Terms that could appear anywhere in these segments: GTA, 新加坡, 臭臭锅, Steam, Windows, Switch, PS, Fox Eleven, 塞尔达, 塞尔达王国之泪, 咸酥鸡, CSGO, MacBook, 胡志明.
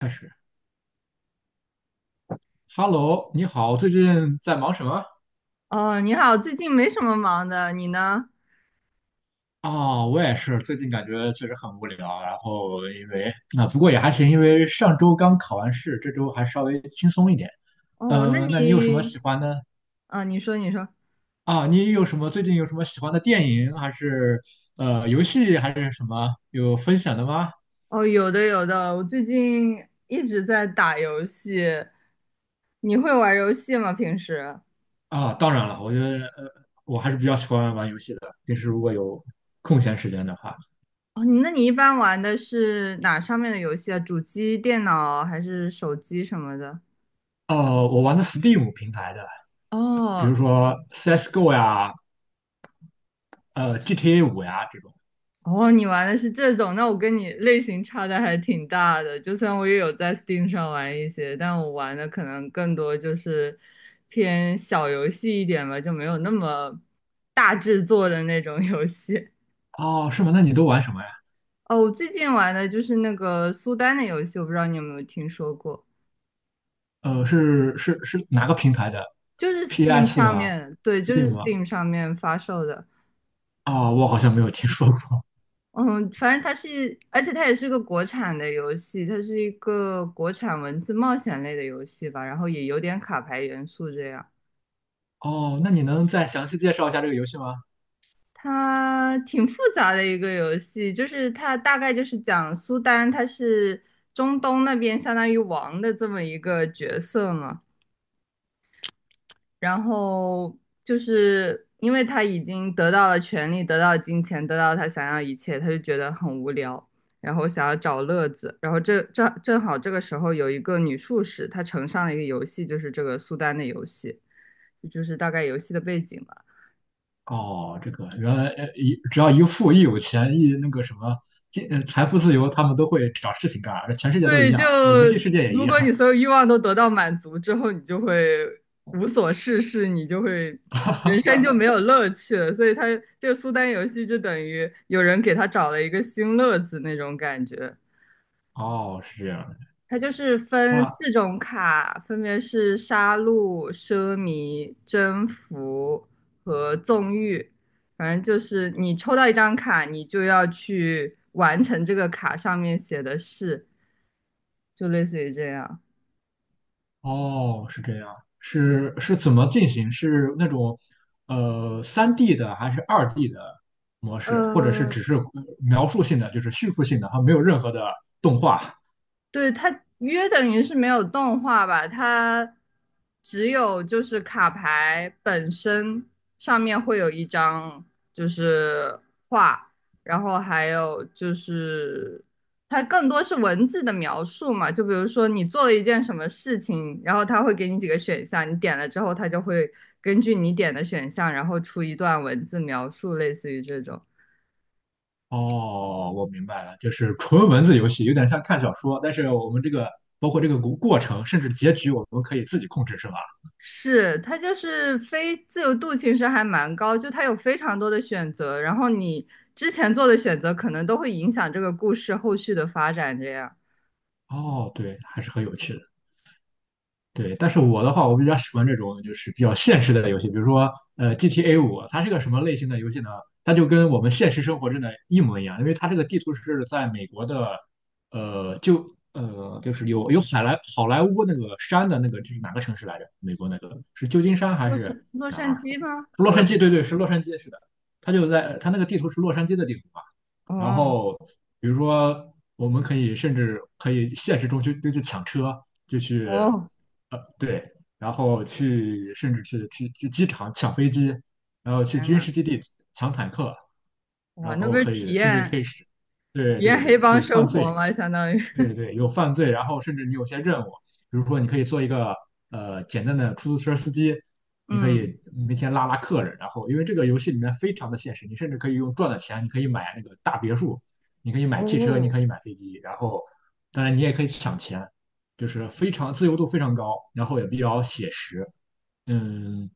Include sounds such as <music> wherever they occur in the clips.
开始，Hello，你好，最近在忙什么？哦，你好，最近没什么忙的，你呢？啊、我也是，最近感觉确实很无聊，然后因为啊，不过也还行，因为上周刚考完试，这周还稍微轻松一点。哦，那那你有什么你，喜欢的啊，你说，你说，啊？你有什么最近有什么喜欢的电影，还是游戏，还是什么有分享的吗？哦，有的，有的，我最近一直在打游戏。你会玩游戏吗？平时？啊，当然了，我觉得我还是比较喜欢玩游戏的，平时如果有空闲时间的话。哦，那你一般玩的是哪上面的游戏啊？主机、电脑还是手机什么的？我玩的 Steam 平台的，比哦，如说 CSGO 呀，GTA 五呀这种。哦，你玩的是这种，那我跟你类型差的还挺大的。就算我也有在 Steam 上玩一些，但我玩的可能更多就是偏小游戏一点吧，就没有那么大制作的那种游戏。哦，是吗？那你都玩什么呀？哦，我最近玩的就是那个苏丹的游戏，我不知道你有没有听说过，是哪个平台的就是 Steam ？PS 上吗面，对，就？Steam 是 吗？Steam 上面发售的。哦，我好像没有听说过。嗯，反正它是，而且它也是个国产的游戏，它是一个国产文字冒险类的游戏吧，然后也有点卡牌元素这样。哦，那你能再详细介绍一下这个游戏吗？它挺复杂的一个游戏，就是它大概就是讲苏丹，他是中东那边相当于王的这么一个角色嘛，然后就是因为他已经得到了权利，得到了金钱，得到了他想要的一切，他就觉得很无聊，然后想要找乐子。然后这正好这个时候有一个女术士，她呈上了一个游戏，就是这个苏丹的游戏，就是大概游戏的背景吧。哦，这个原来呃一只要一富一有钱一那个什么金呃财富自由，他们都会找事情干，全世界都一对，样就啊，那游戏世界也一如样。果你所有欲望都得到满足之后，你就会无所事事，你就会人生就没有乐趣了。所以他这个苏丹游戏就等于有人给他找了一个新乐子那种感觉。哦，是这样的。它就是分那四种卡，分别是杀戮、奢靡、征服和纵欲。反正就是你抽到一张卡，你就要去完成这个卡上面写的事，就类似于这样。哦，是这样，是怎么进行？是那种3D 的还是2D 的模式，或者是呃，只是描述性的，就是叙述性的，它没有任何的动画？对，它约等于是没有动画吧，它只有就是卡牌本身上面会有一张就是画，然后还有就是它更多是文字的描述嘛，就比如说你做了一件什么事情，然后它会给你几个选项，你点了之后，它就会根据你点的选项，然后出一段文字描述，类似于这种。哦，我明白了，就是纯文字游戏，有点像看小说，但是我们这个包括这个过程，甚至结局，我们可以自己控制，是吧？是，它就是非自由度其实还蛮高，就它有非常多的选择，然后你之前做的选择可能都会影响这个故事后续的发展。这样，哦，对，还是很有趣的。对，但是我的话，我比较喜欢这种就是比较现实的游戏，比如说GTA 五，它是个什么类型的游戏呢？它就跟我们现实生活真的一模一样，因为它这个地图是在美国的，就是有好莱坞那个山的那个，这是哪个城市来着？美国那个是旧金山还洛是杉洛哪杉儿？矶吗？洛我也杉不矶，知对道。对，是洛杉矶，是的。它就在它那个地图是洛杉矶的地图嘛，然哦后比如说我们可以甚至可以现实中去就去抢车，就去哦，对，然后去甚至去机场抢飞机，然后去天军呐，事基地抢坦克，哇，然那不后是可体以甚至可验以是，对对对，黑可帮以犯生活罪。吗？相当于，对对 <laughs> 对，有犯罪，然后甚至你有些任务，比如说你可以做一个简单的出租车司机，你可嗯，以每天拉拉客人，然后因为这个游戏里面非常的现实，你甚至可以用赚的钱，你可以买那个大别墅，你可以买汽车，你哦，可以买飞机，然后当然你也可以抢钱，就是非常自由度非常高，然后也比较写实。嗯，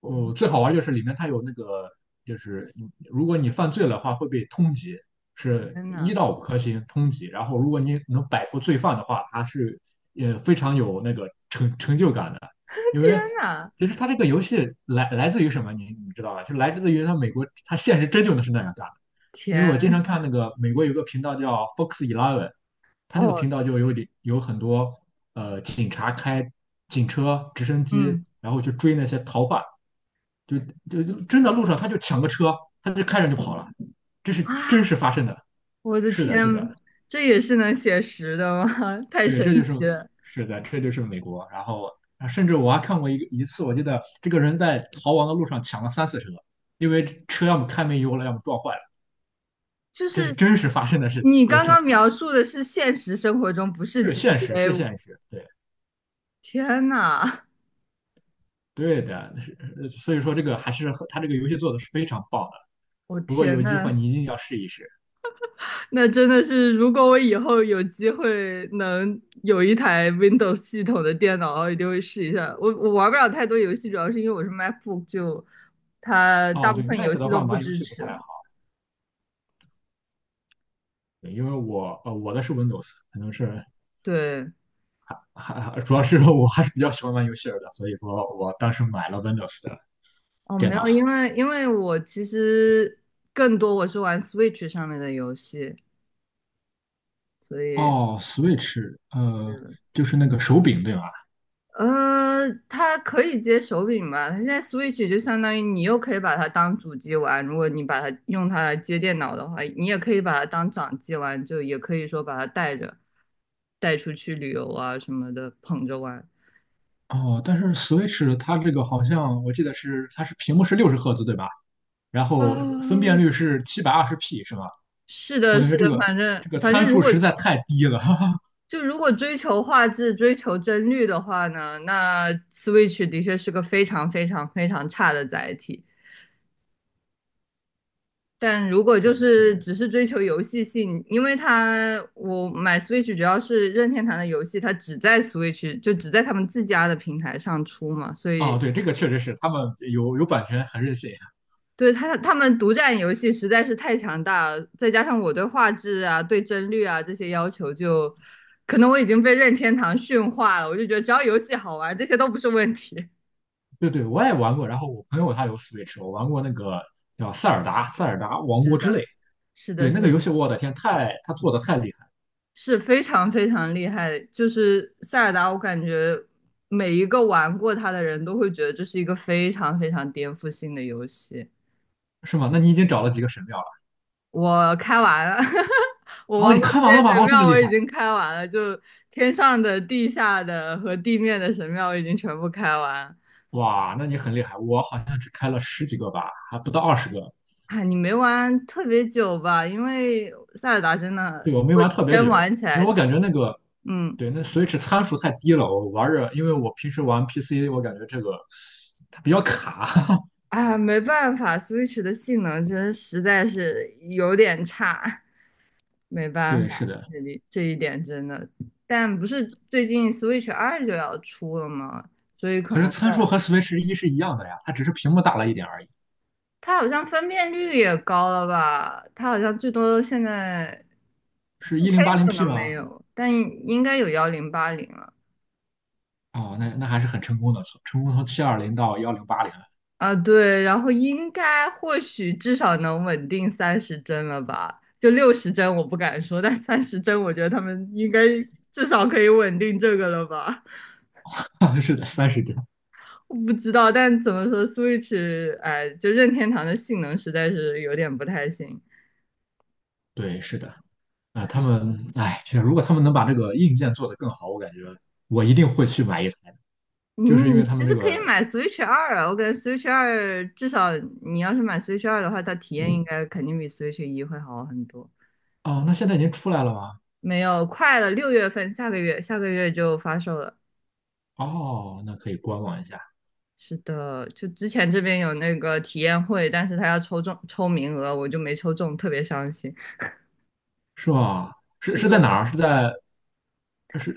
哦，最好玩就是里面它有那个，就是你如果你犯罪了的话会被通缉，是天呐，一到五颗星通缉。然后如果你能摆脱罪犯的话，它是也非常有那个成就感的。<laughs> 因天为呐，其实它这个游戏来自于什么，你知道吧？就来自于它美国，它现实真就能是那样干的。因为天，我经常看那个美国有个频道叫 Fox 11，它那个哦，频道里有很多警察开警车、直升机，嗯然后去追那些逃犯。就就真的路上他就抢个车，他就开着就跑了，这是真啊，实发生的。我的是的，天，是的，这也是能写实的吗？<laughs> 太对，神这就是奇了。是的，这就是美国。然后啊甚至我还看过一次，我记得这个人在逃亡的路上抢了三四车，因为车要么开没油了，要么撞坏了，就这是是真实发生的事情。你对刚的，刚描述的是现实生活中，不是 是现 GTA 实，是五。现实，对天呐，对的。是所以说这个还是和他这个游戏做的是非常棒的。我不过有天一句呐，话你一定要试一试。那真的是，如果我以后有机会能有一台 Windows 系统的电脑，我一定会试一下。我玩不了太多游戏，主要是因为我是 MacBook，就它大哦，部对分麦游克的戏都话不玩游支戏不持太了。对，因为我的是 Windows，可能是对，还主要是我还是比较喜欢玩游戏的，所以说我当时买了 Windows 的哦，电没脑。有，因为我其实更多我是玩 Switch 上面的游戏，所以。哦，Switch，就是那个手柄对吧？它可以接手柄吧？它现在 Switch 就相当于你又可以把它当主机玩，如果你把它用它来接电脑的话，你也可以把它当掌机玩，就也可以说把它带着带出去旅游啊什么的，捧着玩。哦，但是 Switch 它这个好像我记得是它是屏幕是60赫兹对吧？然后分辨哦，率是720P 是吧？是我的，感是觉这的，个反正这个反正参如数果实在太低了。<laughs> 就如果追求画质、追求帧率的话呢，那 Switch 的确是个非常非常非常差的载体。但如果就对，是是的。只是追求游戏性，因为它我买 Switch 主要是任天堂的游戏，它只在 Switch 就只在他们自家的平台上出嘛，所哦，以对，这个确实是他们有有版权很任性。对他们独占游戏实在是太强大了，再加上我对画质啊、对帧率啊这些要求就，可能我已经被任天堂驯化了，我就觉得只要游戏好玩，这些都不是问题。对对，我也玩过。然后我朋友他有 Switch，我玩过那个叫《塞尔达 <laughs> 王是国之泪》。的，是对，的，是那个游的戏，我的天，太他做的太厉害，是非常非常厉害，就是塞尔达，我感觉每一个玩过它的人都会觉得这是一个非常非常颠覆性的游戏。是吗？那你已经找了几个神庙了？我开完了，<laughs> 我哦，玩你过看完这了些吧？神哦，这么庙，厉我已害，经开完了，就天上的、地下的和地面的神庙，我已经全部开完。哇，那你很厉害。我好像只开了十几个吧，还不到20个。哎，你没玩特别久吧？因为塞尔达真的，对，如我没果玩特你别真久，玩起因来，为我感觉那个嗯，对那 Switch 参数太低了，我玩着，因为我平时玩 PC，我感觉这个它比较卡。啊，没办法，Switch 的性能真的实在是有点差。没 <laughs> 办法，对，是的，这里这一点真的，但不是最近 Switch 二就要出了吗？所以可可是能参数在和 Switch 一是一样的呀，它只是屏幕大了一点而已。它好像分辨率也高了吧？它好像最多现在 是一 4K 零八零 可 P 能没吗？有，但应该有1080了哦，那那还是很成功的，从成功从720到1080啊。对，然后应该或许至少能稳定三十帧了吧？就60帧我不敢说，但三十帧我觉得他们应该至少可以稳定这个了吧？了，<laughs> 是的，30帧，我不知道，但怎么说，Switch，哎，就任天堂的性能实在是有点不太行。对，是的，啊、他们，哎，其实如果他们能把这个硬件做得更好，我感觉我一定会去买一台的，你就是因为你他其们实这可以个，买 Switch 二啊，我感觉 Switch 二至少你要是买 Switch 二的话，它体验应该肯定比 Switch 一会好很多。哦，那现在已经出来了吗？没有，快了，6月份，下个月就发售了。哦，那可以观望一下，是的，就之前这边有那个体验会，但是他要抽名额，我就没抽中，特别伤心。是吗？是是是在的，哪儿？是在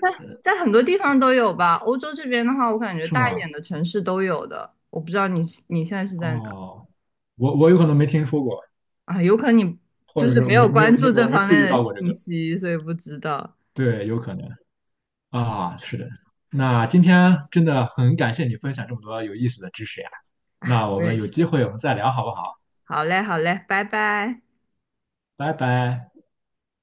在在很多地方都有吧。欧洲这边的话，我感觉是大一吗？点的城市都有的。我不知道你现在是在哪哦，我有可能没听说过，啊？有可能你或就者是是没有没没有关注没这我没方注面意的到过这信个，息，所以不知道。对，有可能。啊，是的。那今天真的很感谢你分享这么多有意思的知识呀。那我我们也有是。机会我们再聊好不好？好嘞，好嘞，拜拜。拜拜。